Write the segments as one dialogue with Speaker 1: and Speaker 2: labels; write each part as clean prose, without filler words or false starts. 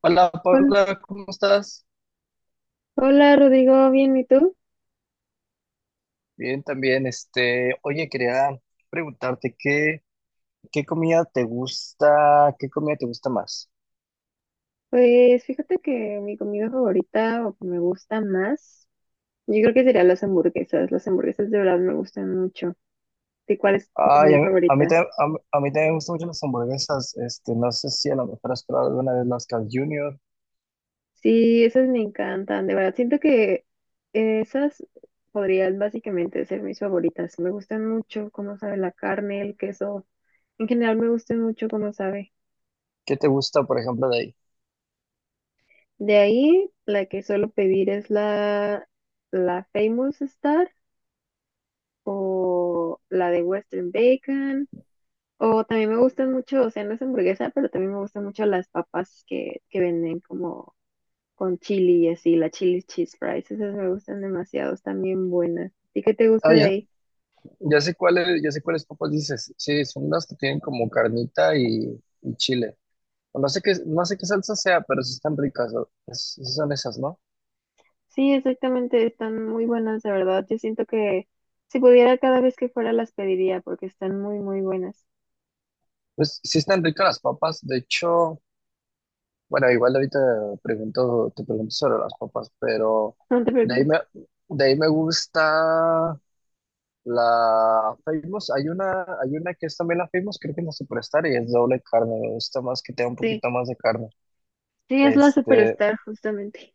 Speaker 1: Hola,
Speaker 2: Hola,
Speaker 1: Paula, ¿cómo estás?
Speaker 2: hola, Rodrigo, bien, ¿y tú?
Speaker 1: Bien, también. Oye, quería preguntarte qué comida te gusta, qué comida te gusta más.
Speaker 2: Pues fíjate que mi comida favorita o que me gusta más, yo creo que serían las hamburguesas. Las hamburguesas de verdad me gustan mucho. ¿Y cuál es tu
Speaker 1: Ay,
Speaker 2: comida
Speaker 1: a mí,
Speaker 2: favorita?
Speaker 1: ta- a, mí, a mí también me gustan mucho las hamburguesas. No sé si a lo mejor has probado alguna vez las Carl Jr.
Speaker 2: Sí, esas me encantan, de verdad. Siento que esas podrían básicamente ser mis favoritas. Me gustan mucho cómo sabe la carne, el queso. En general me gustan mucho cómo sabe.
Speaker 1: ¿Qué te gusta, por ejemplo, de ahí?
Speaker 2: De ahí, la que suelo pedir es la Famous Star, o la de Western Bacon, o también me gustan mucho, o sea, no es hamburguesa, pero también me gustan mucho las papas que venden como con chili y así, la chili cheese fries, esas me gustan demasiado, están bien buenas. ¿Y qué te gusta
Speaker 1: Ah,
Speaker 2: de
Speaker 1: ya,
Speaker 2: ahí?
Speaker 1: ya sé cuáles papas dices. Sí, son las que tienen como carnita y chile. No sé qué salsa sea, pero sí están ricas, ¿no? Sí son esas, ¿no?
Speaker 2: Sí, exactamente, están muy buenas, de verdad, yo siento que si pudiera cada vez que fuera las pediría porque están muy, muy buenas.
Speaker 1: Pues sí están ricas las papas, de hecho. Bueno, igual ahorita te pregunto sobre las papas, pero
Speaker 2: No te
Speaker 1: de ahí
Speaker 2: preocupes.
Speaker 1: me, de ahí me gusta la Famous. Hay una que es también la Famous, creo que es la Superstar, y es doble carne. Me gusta más que tenga un
Speaker 2: Sí,
Speaker 1: poquito más de carne.
Speaker 2: sí, es la
Speaker 1: Este,
Speaker 2: Superstar justamente.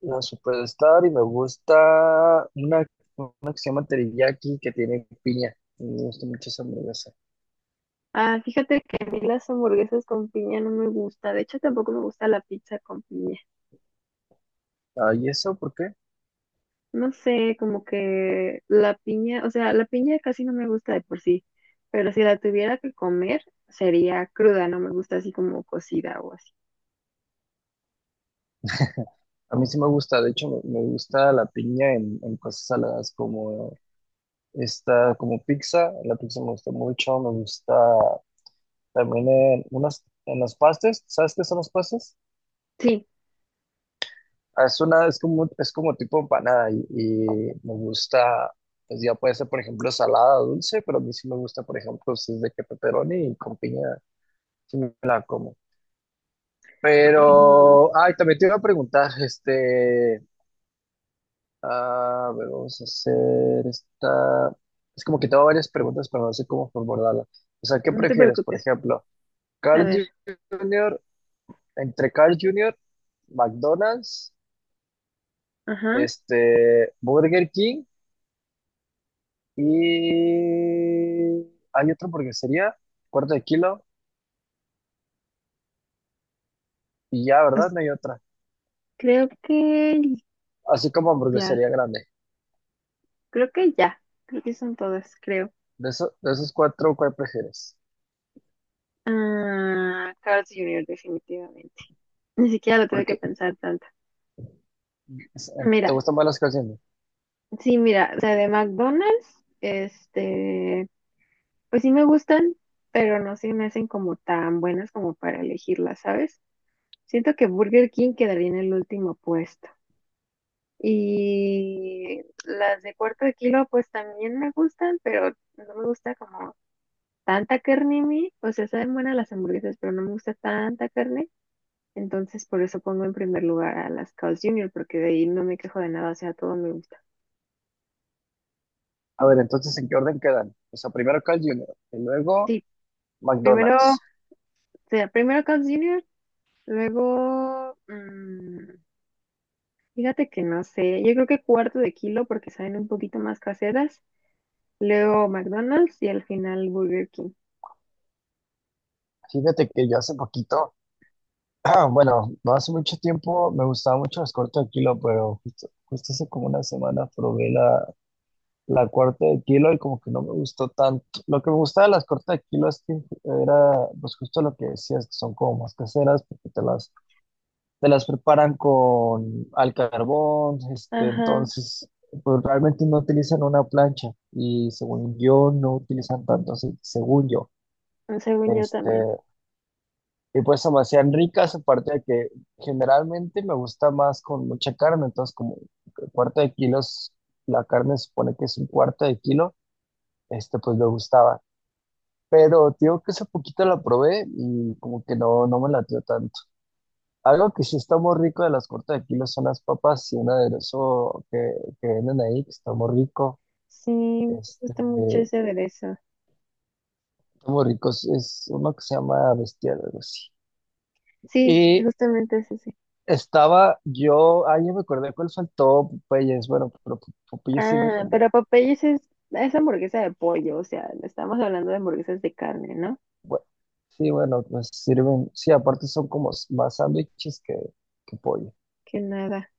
Speaker 1: la Superstar, y me gusta una, una que se llama Teriyaki, que tiene piña. Me gusta mucho esa hamburguesa.
Speaker 2: Ah, fíjate que a mí las hamburguesas con piña no me gusta. De hecho, tampoco me gusta la pizza con piña.
Speaker 1: Ah, ¿y eso por qué?
Speaker 2: No sé, como que la piña, o sea, la piña casi no me gusta de por sí. Pero si la tuviera que comer, sería cruda, no me gusta así como cocida o así.
Speaker 1: A mí sí me gusta, de hecho, me gusta la piña en cosas saladas como... Está como pizza, la pizza me gusta mucho, me gusta también en unas, en las pastas. ¿Sabes qué son las pastas?
Speaker 2: Sí,
Speaker 1: Ah, es una, es como tipo empanada, y me gusta, pues ya puede ser, por ejemplo, salada, dulce, pero a mí sí me gusta, por ejemplo, si es de que pepperoni y con piña, sí me la como.
Speaker 2: no, no,
Speaker 1: Pero, ay, también te iba a preguntar, ah, a ver, vamos a hacer esta, es como que tengo varias preguntas, pero no sé cómo formularla. O sea, ¿qué
Speaker 2: no te
Speaker 1: prefieres, por
Speaker 2: preocupes.
Speaker 1: ejemplo?
Speaker 2: A
Speaker 1: Carl
Speaker 2: ver,
Speaker 1: Jr., entre Carl Jr., McDonald's,
Speaker 2: ajá.
Speaker 1: Burger King y hay otra hamburguesería, cuarto de kilo, y ya, ¿verdad?
Speaker 2: Pues,
Speaker 1: No hay otra.
Speaker 2: creo que
Speaker 1: Así como
Speaker 2: ya,
Speaker 1: hamburguesería grande.
Speaker 2: creo que ya, creo que son todas, creo.
Speaker 1: De esos cuatro, ¿cuál prefieres?
Speaker 2: Ah, Carl's Jr., definitivamente. Ni siquiera lo tuve que
Speaker 1: Porque
Speaker 2: pensar tanto.
Speaker 1: es- te
Speaker 2: Mira.
Speaker 1: gustan más las Carl Jr.
Speaker 2: Sí, mira, o sea, de McDonald's, este, pues sí me gustan, pero no se me hacen como tan buenas como para elegirlas, ¿sabes? Siento que Burger King quedaría en el último puesto. Y las de cuarto de kilo, pues también me gustan, pero no me gusta como tanta carne a mí. O sea, saben buenas las hamburguesas, pero no me gusta tanta carne. Entonces, por eso pongo en primer lugar a las Carl's Jr., porque de ahí no me quejo de nada, o sea, todo me gusta.
Speaker 1: A ver, entonces, ¿en qué orden quedan? O sea, primero Carl Jr. y luego
Speaker 2: Sí, primero, o
Speaker 1: McDonald's.
Speaker 2: sea, primero Carl's Jr. Luego, fíjate que no sé, yo creo que cuarto de kilo porque salen un poquito más caseras. Luego McDonald's y al final Burger King.
Speaker 1: Fíjate que yo hace poquito... Ah, bueno, no hace mucho tiempo me gustaban mucho las cortes de kilo, pero justo hace como una semana probé la corte de kilo y como que no me gustó tanto. Lo que me gustaba de las cortes de kilo es que era, pues justo lo que decías, que son como más caseras, porque te las preparan con al carbón,
Speaker 2: Ajá,
Speaker 1: entonces pues realmente no utilizan una plancha y, según yo, no utilizan tanto aceite, según yo.
Speaker 2: según yo
Speaker 1: Este,
Speaker 2: también.
Speaker 1: y pues se me hacían ricas, aparte de que generalmente me gusta más con mucha carne, entonces, como cuarto de kilos, la carne se supone que es un cuarto de kilo, este pues me gustaba. Pero te digo que hace poquito la probé y como que no, no me latió tanto. Algo que sí está muy rico de las cuartas de kilo son las papas y un aderezo que venden ahí, que está muy rico.
Speaker 2: Sí, me
Speaker 1: Este,
Speaker 2: gusta mucho ese aderezo.
Speaker 1: Está muy rico, es uno que se llama bestial, algo así.
Speaker 2: Sí,
Speaker 1: Y
Speaker 2: justamente es ese.
Speaker 1: estaba yo... ah, ya me acordé cuál faltó, Popeyes. Bueno, pero Popeyes sirve
Speaker 2: Ah,
Speaker 1: como...
Speaker 2: pero Popeyes es hamburguesa de pollo, o sea, estamos hablando de hamburguesas de carne, ¿no?
Speaker 1: Bueno, sí, bueno, pues sirven, sí, aparte son como más sándwiches que pollo.
Speaker 2: Que nada.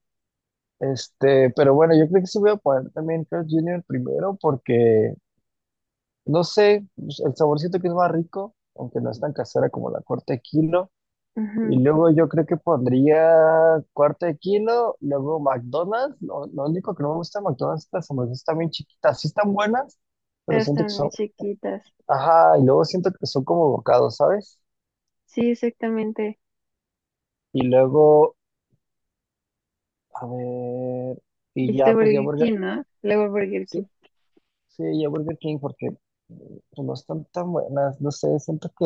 Speaker 1: Pero bueno, yo creo que sí voy a poner también Carl junior primero porque, no sé, pues, el saborcito que es más rico, aunque no es tan casera como la corte de kilo. Y
Speaker 2: Ujú.
Speaker 1: luego yo creo que pondría cuarto de kilo, luego McDonald's. Lo único que no me gusta de McDonald's es que las hamburguesas están bien chiquitas. Sí están buenas, pero
Speaker 2: Pero
Speaker 1: siento que
Speaker 2: están muy
Speaker 1: son...
Speaker 2: chiquitas.
Speaker 1: Ajá, y luego siento que son como bocados, ¿sabes?
Speaker 2: Sí, exactamente.
Speaker 1: Y luego, a ver, y
Speaker 2: Dijiste
Speaker 1: ya pues ya
Speaker 2: Burger
Speaker 1: Burger...
Speaker 2: King, ¿no? Luego Burger
Speaker 1: Sí,
Speaker 2: King.
Speaker 1: sí, ya Burger King porque mm, pues, no están tan buenas, no sé, siento que...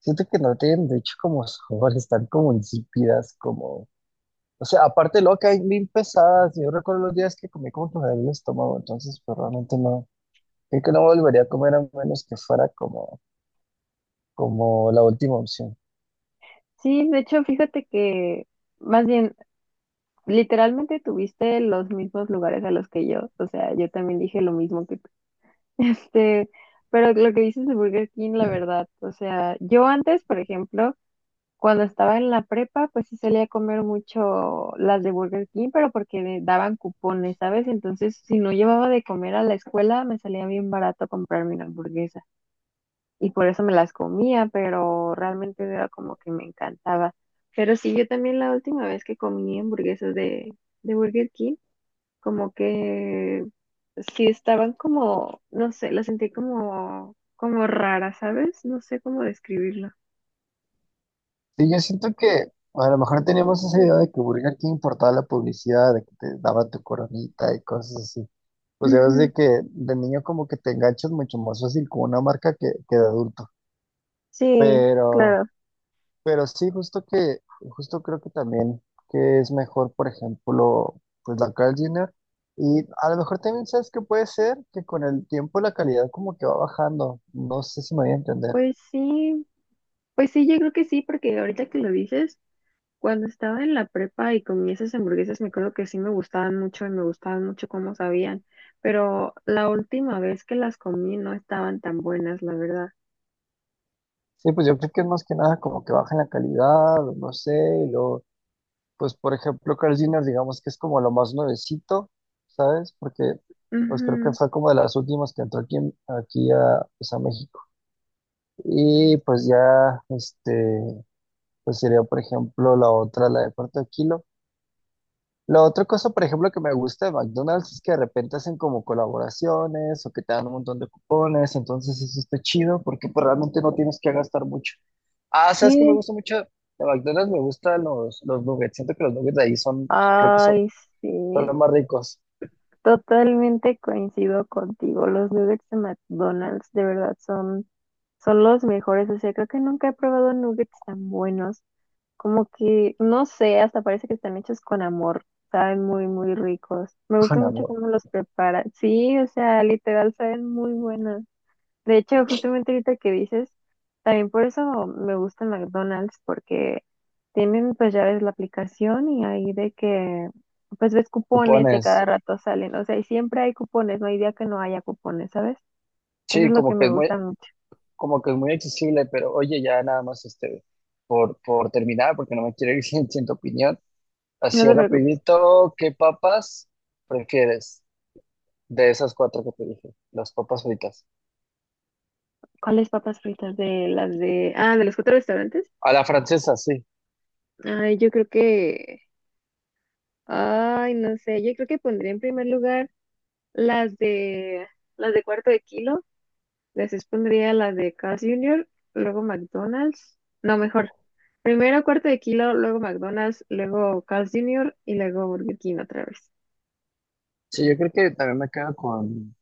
Speaker 1: Siento que no tienen, de hecho, como sabor, están como insípidas, como... O sea, aparte de lo que hay mil pesadas, yo recuerdo los días que comí como que me el estómago, entonces pues realmente no, creo que no volvería a comer, a menos que fuera como, como la última opción.
Speaker 2: Sí, de hecho, fíjate que más bien, literalmente tuviste los mismos lugares a los que yo. O sea, yo también dije lo mismo que tú. Este, pero lo que dices de Burger King, la verdad, o sea, yo antes, por ejemplo, cuando estaba en la prepa, pues sí salía a comer mucho las de Burger King, pero porque me daban cupones, ¿sabes? Entonces, si no llevaba de comer a la escuela, me salía bien barato comprarme una hamburguesa y por eso me las comía, pero realmente era como que me encantaba. Pero sí, yo también la última vez que comí hamburguesas de Burger King, como que sí estaban como, no sé, las sentí como, como raras, ¿sabes? No sé cómo describirlo.
Speaker 1: Sí, yo siento que a lo mejor teníamos esa idea de que Burger King importaba la publicidad, de que te daba tu coronita y cosas así. Pues ya ves
Speaker 2: Ujú.
Speaker 1: de que de niño como que te enganchas mucho más fácil con una marca que de adulto.
Speaker 2: Sí,
Speaker 1: Pero...
Speaker 2: claro.
Speaker 1: pero sí, justo creo que también que es mejor, por ejemplo, pues la Carl Jr. Y a lo mejor también sabes que puede ser que con el tiempo la calidad como que va bajando. No sé si me voy a entender.
Speaker 2: Pues sí, pues sí, yo creo que sí, porque ahorita que lo dices, cuando estaba en la prepa y comí esas hamburguesas, me acuerdo que sí me gustaban mucho y me gustaban mucho cómo sabían, pero la última vez que las comí no estaban tan buenas, la verdad.
Speaker 1: Sí, pues yo creo que es más que nada como que baja en la calidad, o no sé, y luego, pues, por ejemplo, Carl Jr. digamos que es como lo más nuevecito, ¿sabes? Porque pues creo que
Speaker 2: Ujú.
Speaker 1: fue como de las últimas que entró aquí, aquí a, pues, a México. Y pues ya, pues sería, por ejemplo, la otra, la de cuarto de kilo. La otra cosa, por ejemplo, que me gusta de McDonald's es que de repente hacen como colaboraciones o que te dan un montón de cupones, entonces eso está chido porque, pues, realmente no tienes que gastar mucho. Ah, ¿sabes que me
Speaker 2: Sí,
Speaker 1: gusta mucho de McDonald's? Me gustan los nuggets. Siento que los nuggets de ahí son, creo que son,
Speaker 2: ay,
Speaker 1: son los
Speaker 2: sí,
Speaker 1: más ricos,
Speaker 2: totalmente coincido contigo. Los nuggets de McDonald's de verdad son los mejores. O sea, creo que nunca he probado nuggets tan buenos. Como que, no sé, hasta parece que están hechos con amor. Saben muy, muy ricos. Me gusta
Speaker 1: con
Speaker 2: mucho
Speaker 1: amor.
Speaker 2: cómo los preparan. Sí, o sea, literal, saben muy buenas. De hecho, justamente ahorita que dices, también por eso me gusta McDonald's, porque tienen, pues ya ves la aplicación y ahí de que, pues ves cupones y a cada
Speaker 1: Cupones.
Speaker 2: rato salen. O sea, y siempre hay cupones, no hay día que no haya cupones, ¿sabes? Eso
Speaker 1: Sí,
Speaker 2: es lo que me gusta mucho.
Speaker 1: como que es muy accesible. Pero oye, ya nada más por terminar, porque no me quiero ir sin tu opinión.
Speaker 2: No
Speaker 1: Así
Speaker 2: te preocupes.
Speaker 1: rapidito, ¿qué papas prefieres de esas cuatro que te dije? Las papas fritas.
Speaker 2: ¿Cuáles papas fritas de las de, ah, de los cuatro restaurantes?
Speaker 1: A la francesa, sí.
Speaker 2: Ay, yo creo que, ay, no sé, yo creo que pondría en primer lugar las de, las de cuarto de kilo, después pondría las de Carl's Jr., luego McDonald's, no, mejor, primero cuarto de kilo, luego McDonald's, luego Carl's Jr. y luego Burger King otra vez,
Speaker 1: Sí, yo creo que también me quedo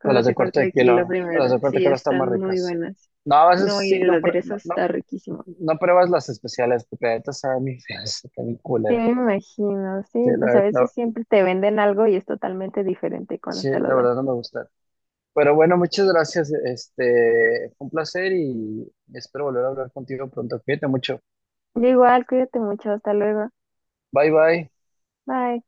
Speaker 2: con
Speaker 1: con
Speaker 2: las
Speaker 1: las
Speaker 2: de
Speaker 1: de
Speaker 2: cuarto
Speaker 1: corte de
Speaker 2: de kilo
Speaker 1: kilo. Las
Speaker 2: primero,
Speaker 1: de corte de
Speaker 2: sí,
Speaker 1: kilo están más
Speaker 2: están muy
Speaker 1: ricas.
Speaker 2: buenas,
Speaker 1: No, a
Speaker 2: no,
Speaker 1: veces
Speaker 2: y
Speaker 1: sí,
Speaker 2: el
Speaker 1: no,
Speaker 2: aderezo está riquísimo.
Speaker 1: no pruebas las especiales, porque la neta saben bien feas, saben bien
Speaker 2: Sí,
Speaker 1: culeras.
Speaker 2: me imagino, sí,
Speaker 1: Sí,
Speaker 2: pues a veces siempre te venden algo y es totalmente diferente cuando
Speaker 1: sí,
Speaker 2: te lo
Speaker 1: la
Speaker 2: dan.
Speaker 1: verdad no me gusta. Pero bueno, muchas gracias. Fue un placer y espero volver a hablar contigo pronto. Cuídate mucho.
Speaker 2: Yo igual, cuídate mucho, hasta luego.
Speaker 1: Bye, bye.
Speaker 2: Bye.